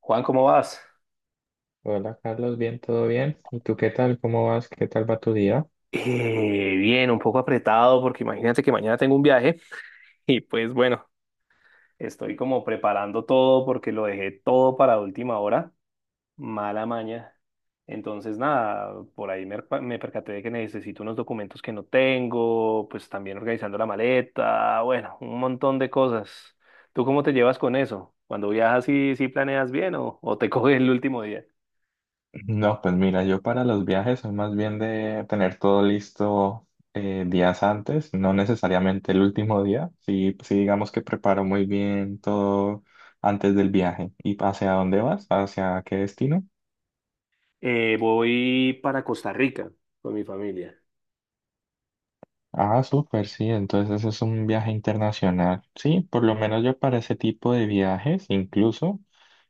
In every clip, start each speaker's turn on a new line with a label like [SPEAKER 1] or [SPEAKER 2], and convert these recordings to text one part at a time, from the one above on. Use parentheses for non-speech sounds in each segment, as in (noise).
[SPEAKER 1] Juan, ¿cómo vas?
[SPEAKER 2] Hola Carlos, bien, todo bien. ¿Y tú qué tal? ¿Cómo vas? ¿Qué tal va tu día?
[SPEAKER 1] Bien, un poco apretado porque imagínate que mañana tengo un viaje (laughs) y pues bueno, estoy como preparando todo porque lo dejé todo para última hora, mala maña. Entonces nada, por ahí me percaté de que necesito unos documentos que no tengo, pues también organizando la maleta, bueno, un montón de cosas. ¿Tú cómo te llevas con eso? Cuando viajas, ¿sí, sí planeas bien o te (laughs) coges el último día?
[SPEAKER 2] No, pues mira, yo para los viajes soy más bien de tener todo listo días antes, no necesariamente el último día, sí, pues sí digamos que preparo muy bien todo antes del viaje. ¿Y hacia dónde vas? ¿Hacia qué destino?
[SPEAKER 1] Voy para Costa Rica con mi familia.
[SPEAKER 2] Ah, súper, sí, entonces es un viaje internacional. Sí, por lo menos yo para ese tipo de viajes, incluso.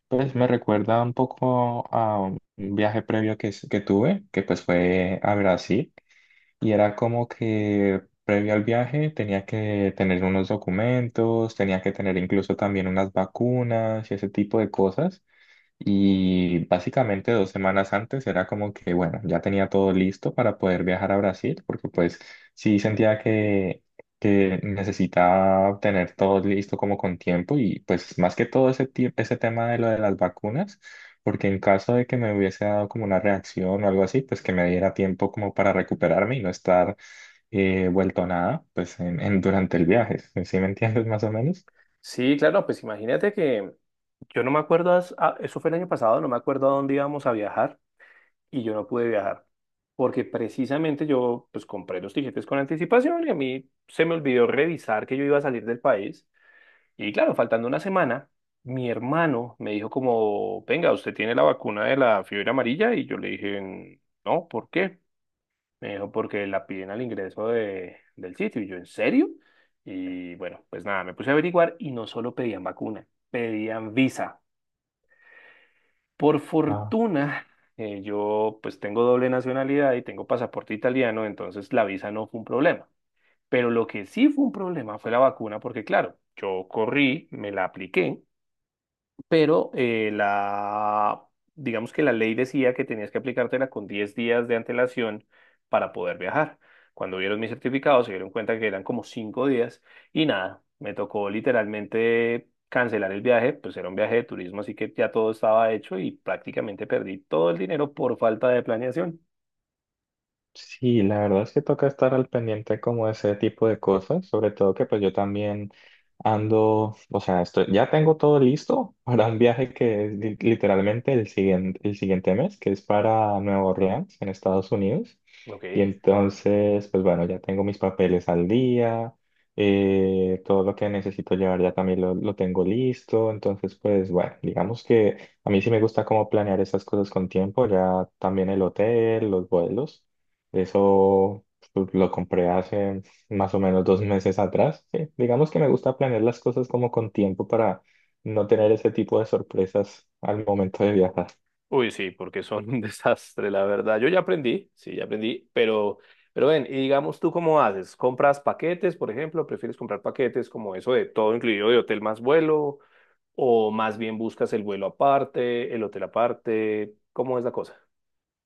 [SPEAKER 2] Pues me recuerda un poco a un viaje previo que tuve, que pues fue a Brasil, y era como que previo al viaje tenía que tener unos documentos, tenía que tener incluso también unas vacunas y ese tipo de cosas. Y básicamente dos semanas antes era como que, bueno, ya tenía todo listo para poder viajar a Brasil, porque pues sí sentía que necesitaba tener todo listo como con tiempo y pues más que todo ese tema de lo de las vacunas, porque en caso de que me hubiese dado como una reacción o algo así, pues que me diera tiempo como para recuperarme y no estar vuelto nada, pues durante el viaje. ¿Sí me entiendes (laughs) más o menos?
[SPEAKER 1] Sí, claro, pues imagínate que yo no me acuerdo, eso fue el año pasado, no me acuerdo a dónde íbamos a viajar y yo no pude viajar porque precisamente yo pues compré los tiquetes con anticipación y a mí se me olvidó revisar que yo iba a salir del país y claro, faltando una semana, mi hermano me dijo como, venga, usted tiene la vacuna de la fiebre amarilla y yo le dije, no, ¿por qué? Me dijo porque la piden al ingreso de, del sitio. Y yo, ¿en serio? Y bueno, pues nada, me puse a averiguar y no solo pedían vacuna, pedían visa. Por fortuna, yo pues tengo doble nacionalidad y tengo pasaporte italiano, entonces la visa no fue un problema. Pero lo que sí fue un problema fue la vacuna, porque claro, yo corrí, me la apliqué pero digamos que la ley decía que tenías que aplicártela con 10 días de antelación para poder viajar. Cuando vieron mi certificado, se dieron cuenta que eran como 5 días y nada, me tocó literalmente cancelar el viaje, pues era un viaje de turismo, así que ya todo estaba hecho y prácticamente perdí todo el dinero por falta de planeación.
[SPEAKER 2] Sí, la verdad es que toca estar al pendiente como de ese tipo de cosas, sobre todo que pues yo también ando, o sea, estoy, ya tengo todo listo (laughs) para un viaje que es literalmente el siguiente mes, que es para Nueva Orleans, en Estados Unidos.
[SPEAKER 1] Ok.
[SPEAKER 2] Y entonces, pues bueno, ya tengo mis papeles al día, todo lo que necesito llevar ya también lo tengo listo. Entonces, pues bueno, digamos que a mí sí me gusta como planear esas cosas con tiempo, ya también el hotel, los vuelos. Eso pues, lo compré hace más o menos dos meses atrás. Sí, digamos que me gusta planear las cosas como con tiempo para no tener ese tipo de sorpresas al momento de viajar.
[SPEAKER 1] Uy, sí, porque son un (laughs) desastre, la verdad. Yo ya aprendí, sí, ya aprendí, pero ven, y digamos tú cómo haces, ¿compras paquetes, por ejemplo? ¿Prefieres comprar paquetes como eso de todo incluido de hotel más vuelo? ¿O más bien buscas el vuelo aparte, el hotel aparte? ¿Cómo es la cosa?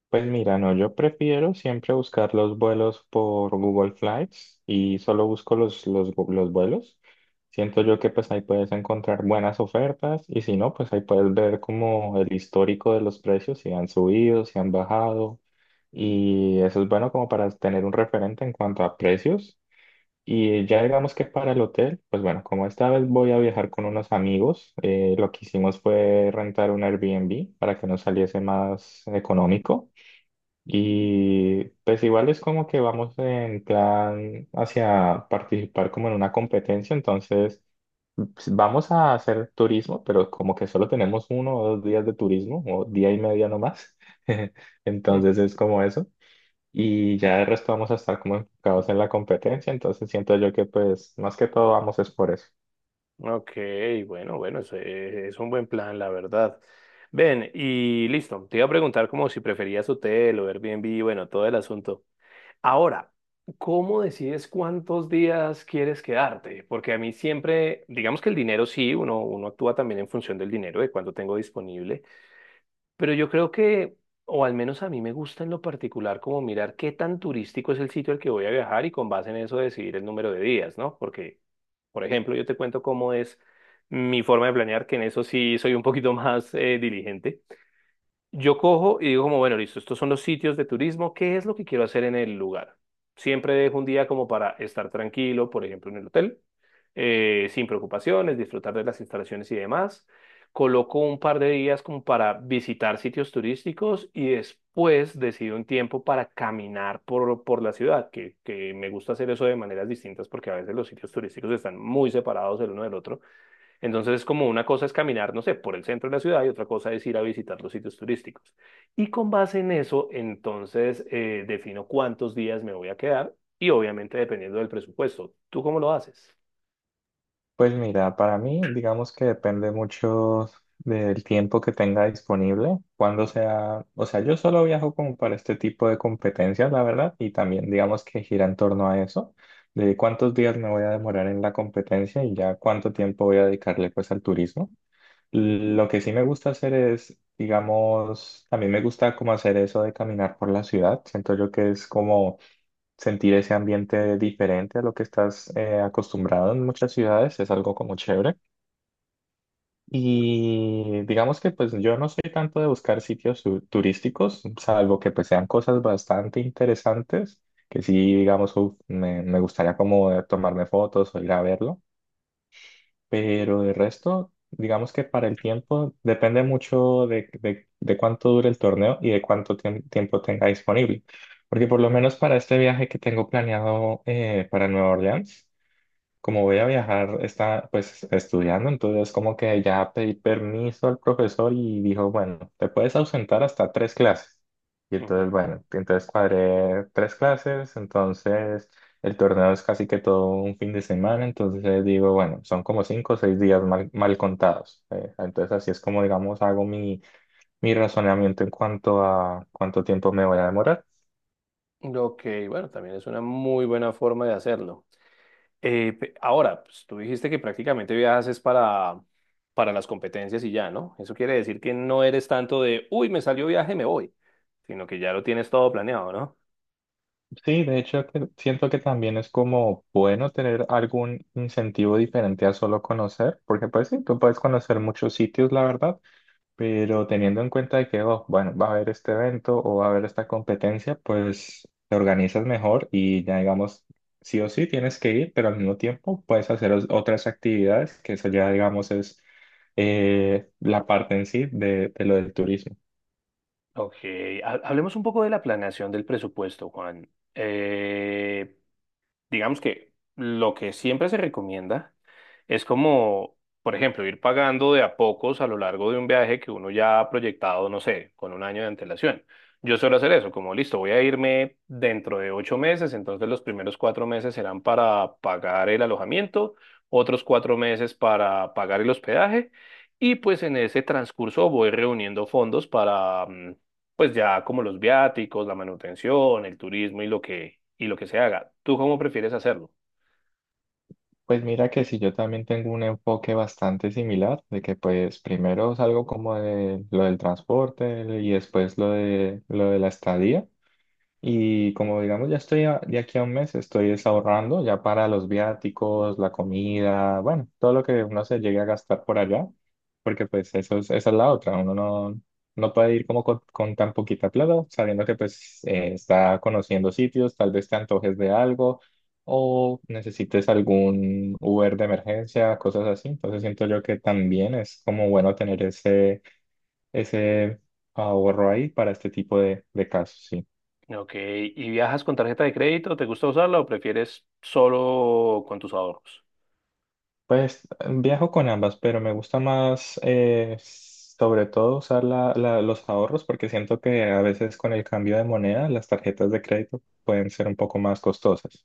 [SPEAKER 2] Pues mira, no, yo prefiero siempre buscar los vuelos por Google Flights y solo busco los vuelos. Siento yo que pues ahí puedes encontrar buenas ofertas y si no, pues ahí puedes ver como el histórico de los precios, si han subido, si han bajado y eso es bueno como para tener un referente en cuanto a precios. Y ya digamos que para el hotel, pues bueno, como esta vez voy a viajar con unos amigos, lo que hicimos fue rentar un Airbnb para que nos saliese más económico. Y pues igual es como que vamos en plan hacia participar como en una competencia, entonces pues, vamos a hacer turismo, pero como que solo tenemos uno o dos días de turismo, o día y media nomás, (laughs)
[SPEAKER 1] Mm,
[SPEAKER 2] entonces es como eso. Y ya de resto vamos a estar como enfocados en la competencia, entonces siento yo que pues más que todo vamos es por eso.
[SPEAKER 1] ok, bueno, bueno, eso es un buen plan, la verdad. Ven, y listo, te iba a preguntar como si preferías hotel o Airbnb, bueno, todo el asunto. Ahora, ¿cómo decides cuántos días quieres quedarte? Porque a mí siempre, digamos que el dinero sí, uno actúa también en función del dinero, de cuánto tengo disponible, pero yo creo que, o al menos a mí me gusta en lo particular, como mirar qué tan turístico es el sitio al que voy a viajar y con base en eso decidir el número de días, ¿no? Porque, por ejemplo, yo te cuento cómo es mi forma de planear, que en eso sí soy un poquito (laughs) más diligente. Yo cojo y digo como, bueno, listo, estos son los sitios de turismo, ¿qué es lo que quiero hacer en el lugar? Siempre dejo un día como para estar tranquilo, por ejemplo, en el hotel, sin preocupaciones, disfrutar de las instalaciones y demás. Coloco un par de días como para visitar sitios turísticos y después decido un tiempo para caminar por la ciudad, que me gusta hacer eso de maneras distintas porque a veces los sitios turísticos están muy separados el uno del otro. Entonces es como una cosa es caminar, no sé, por el centro de la ciudad y otra cosa es ir a visitar los sitios turísticos. Y con base en eso, entonces defino cuántos días me voy a quedar y obviamente dependiendo del presupuesto. ¿Tú cómo lo haces?
[SPEAKER 2] Pues mira, para mí, digamos que depende mucho del tiempo que tenga disponible, cuando sea, o sea, yo solo viajo como para este tipo de competencias, la verdad, y también digamos que gira en torno a eso, de cuántos días me voy a demorar en la competencia y ya cuánto tiempo voy a dedicarle pues al turismo. Lo que sí me gusta hacer es, digamos, también me gusta como hacer eso de caminar por la ciudad, siento yo que es como sentir ese ambiente diferente a lo que estás acostumbrado en muchas ciudades es algo como chévere. Y digamos que pues yo no soy tanto de buscar sitios turísticos, salvo que pues sean cosas bastante interesantes, que sí, digamos, uf, me gustaría como tomarme fotos o ir a verlo. Pero de resto, digamos que para el tiempo depende mucho de cuánto dure el torneo y de cuánto tiempo tenga disponible. Porque por lo menos para este viaje que tengo planeado para Nueva Orleans, como voy a viajar, está pues estudiando, entonces como que ya pedí permiso al profesor y dijo, bueno, te puedes ausentar hasta tres clases. Y entonces,
[SPEAKER 1] Ujú.
[SPEAKER 2] bueno, entonces cuadré tres clases, entonces el torneo es casi que todo un fin de semana, entonces digo, bueno, son como cinco o seis días mal, mal contados. Entonces así es como, digamos, hago mi, mi razonamiento en cuanto a cuánto tiempo me voy a demorar.
[SPEAKER 1] Ok, bueno, también es una muy buena forma de hacerlo. Ahora, pues, tú dijiste que prácticamente viajas es para las competencias y ya, ¿no? Eso quiere decir que no eres tanto de, uy, me salió viaje, me voy, sino que ya lo tienes todo planeado, ¿no?
[SPEAKER 2] Sí, de hecho, que siento que también es como bueno tener algún incentivo diferente a solo conocer, porque pues sí, tú puedes conocer muchos sitios, la verdad, pero teniendo en cuenta de que, oh, bueno, va a haber este evento o va a haber esta competencia, pues te organizas mejor y ya digamos, sí o sí tienes que ir, pero al mismo tiempo puedes hacer otras actividades, que eso ya digamos es la parte en sí de lo del turismo.
[SPEAKER 1] Ok, hablemos un poco de la planeación del presupuesto, Juan. Digamos que lo que siempre se recomienda es como, por ejemplo, ir pagando de a pocos a lo largo de un viaje que uno ya ha proyectado, no sé, con un año de antelación. Yo suelo hacer eso, como listo, voy a irme dentro de 8 meses, entonces los primeros 4 meses serán para pagar el alojamiento, otros 4 meses para pagar el hospedaje. Y pues en ese transcurso voy reuniendo fondos para, mm, pues ya como los viáticos, la manutención, el turismo y lo que se haga. ¿Tú cómo prefieres hacerlo?
[SPEAKER 2] Pues mira que si yo también tengo un enfoque bastante similar, de que pues primero salgo como de lo del transporte y después lo de la estadía. Y como digamos, ya estoy de aquí a un mes, estoy es ahorrando ya para los viáticos, la comida, bueno, todo lo que uno se llegue a gastar por allá, porque pues eso es, esa es la otra, uno no, no puede ir como con tan poquita plata, sabiendo que pues está conociendo sitios, tal vez te antojes de algo o necesites algún Uber de emergencia, cosas así. Entonces siento yo que también es como bueno tener ese, ese ahorro ahí para este tipo de casos, sí.
[SPEAKER 1] Ok, ¿y viajas con tarjeta de crédito? ¿Te gusta usarla o prefieres solo con tus ahorros?
[SPEAKER 2] Pues viajo con ambas, pero me gusta más sobre todo usar los ahorros porque siento que a veces con el cambio de moneda las tarjetas de crédito pueden ser un poco más costosas.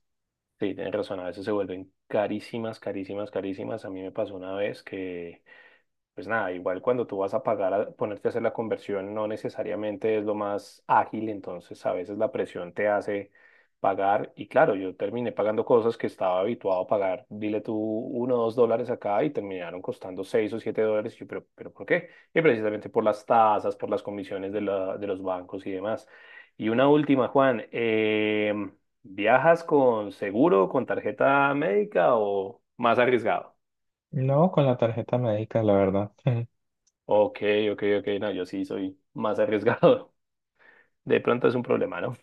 [SPEAKER 1] Sí, tienes razón, a veces se vuelven carísimas, carísimas, carísimas. A mí me pasó una vez que pues nada, igual cuando tú vas a pagar, a ponerte a hacer la conversión, no necesariamente es lo más ágil, entonces a veces la presión te hace pagar. Y claro, yo terminé pagando cosas que estaba habituado a pagar, dile tú $1 o $2 acá y terminaron costando $6 o $7. Y yo, pero ¿por qué? Y precisamente por las tasas, por las comisiones de los bancos y demás. Y una última, Juan, ¿viajas con seguro, con tarjeta médica o más arriesgado?
[SPEAKER 2] No, con la tarjeta médica, la verdad. (laughs)
[SPEAKER 1] Ok, ok, ok, no, yo sí soy más arriesgado. (laughs) De pronto es un problema, ¿no?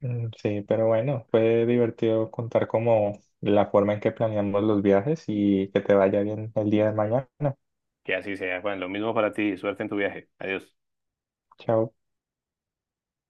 [SPEAKER 2] Mm, sí, pero bueno, fue divertido contar como la forma en que planeamos los viajes y que te vaya bien el día de mañana.
[SPEAKER 1] Que así sea. Bueno, lo mismo para ti. Suerte en tu viaje. Adiós.
[SPEAKER 2] Chao.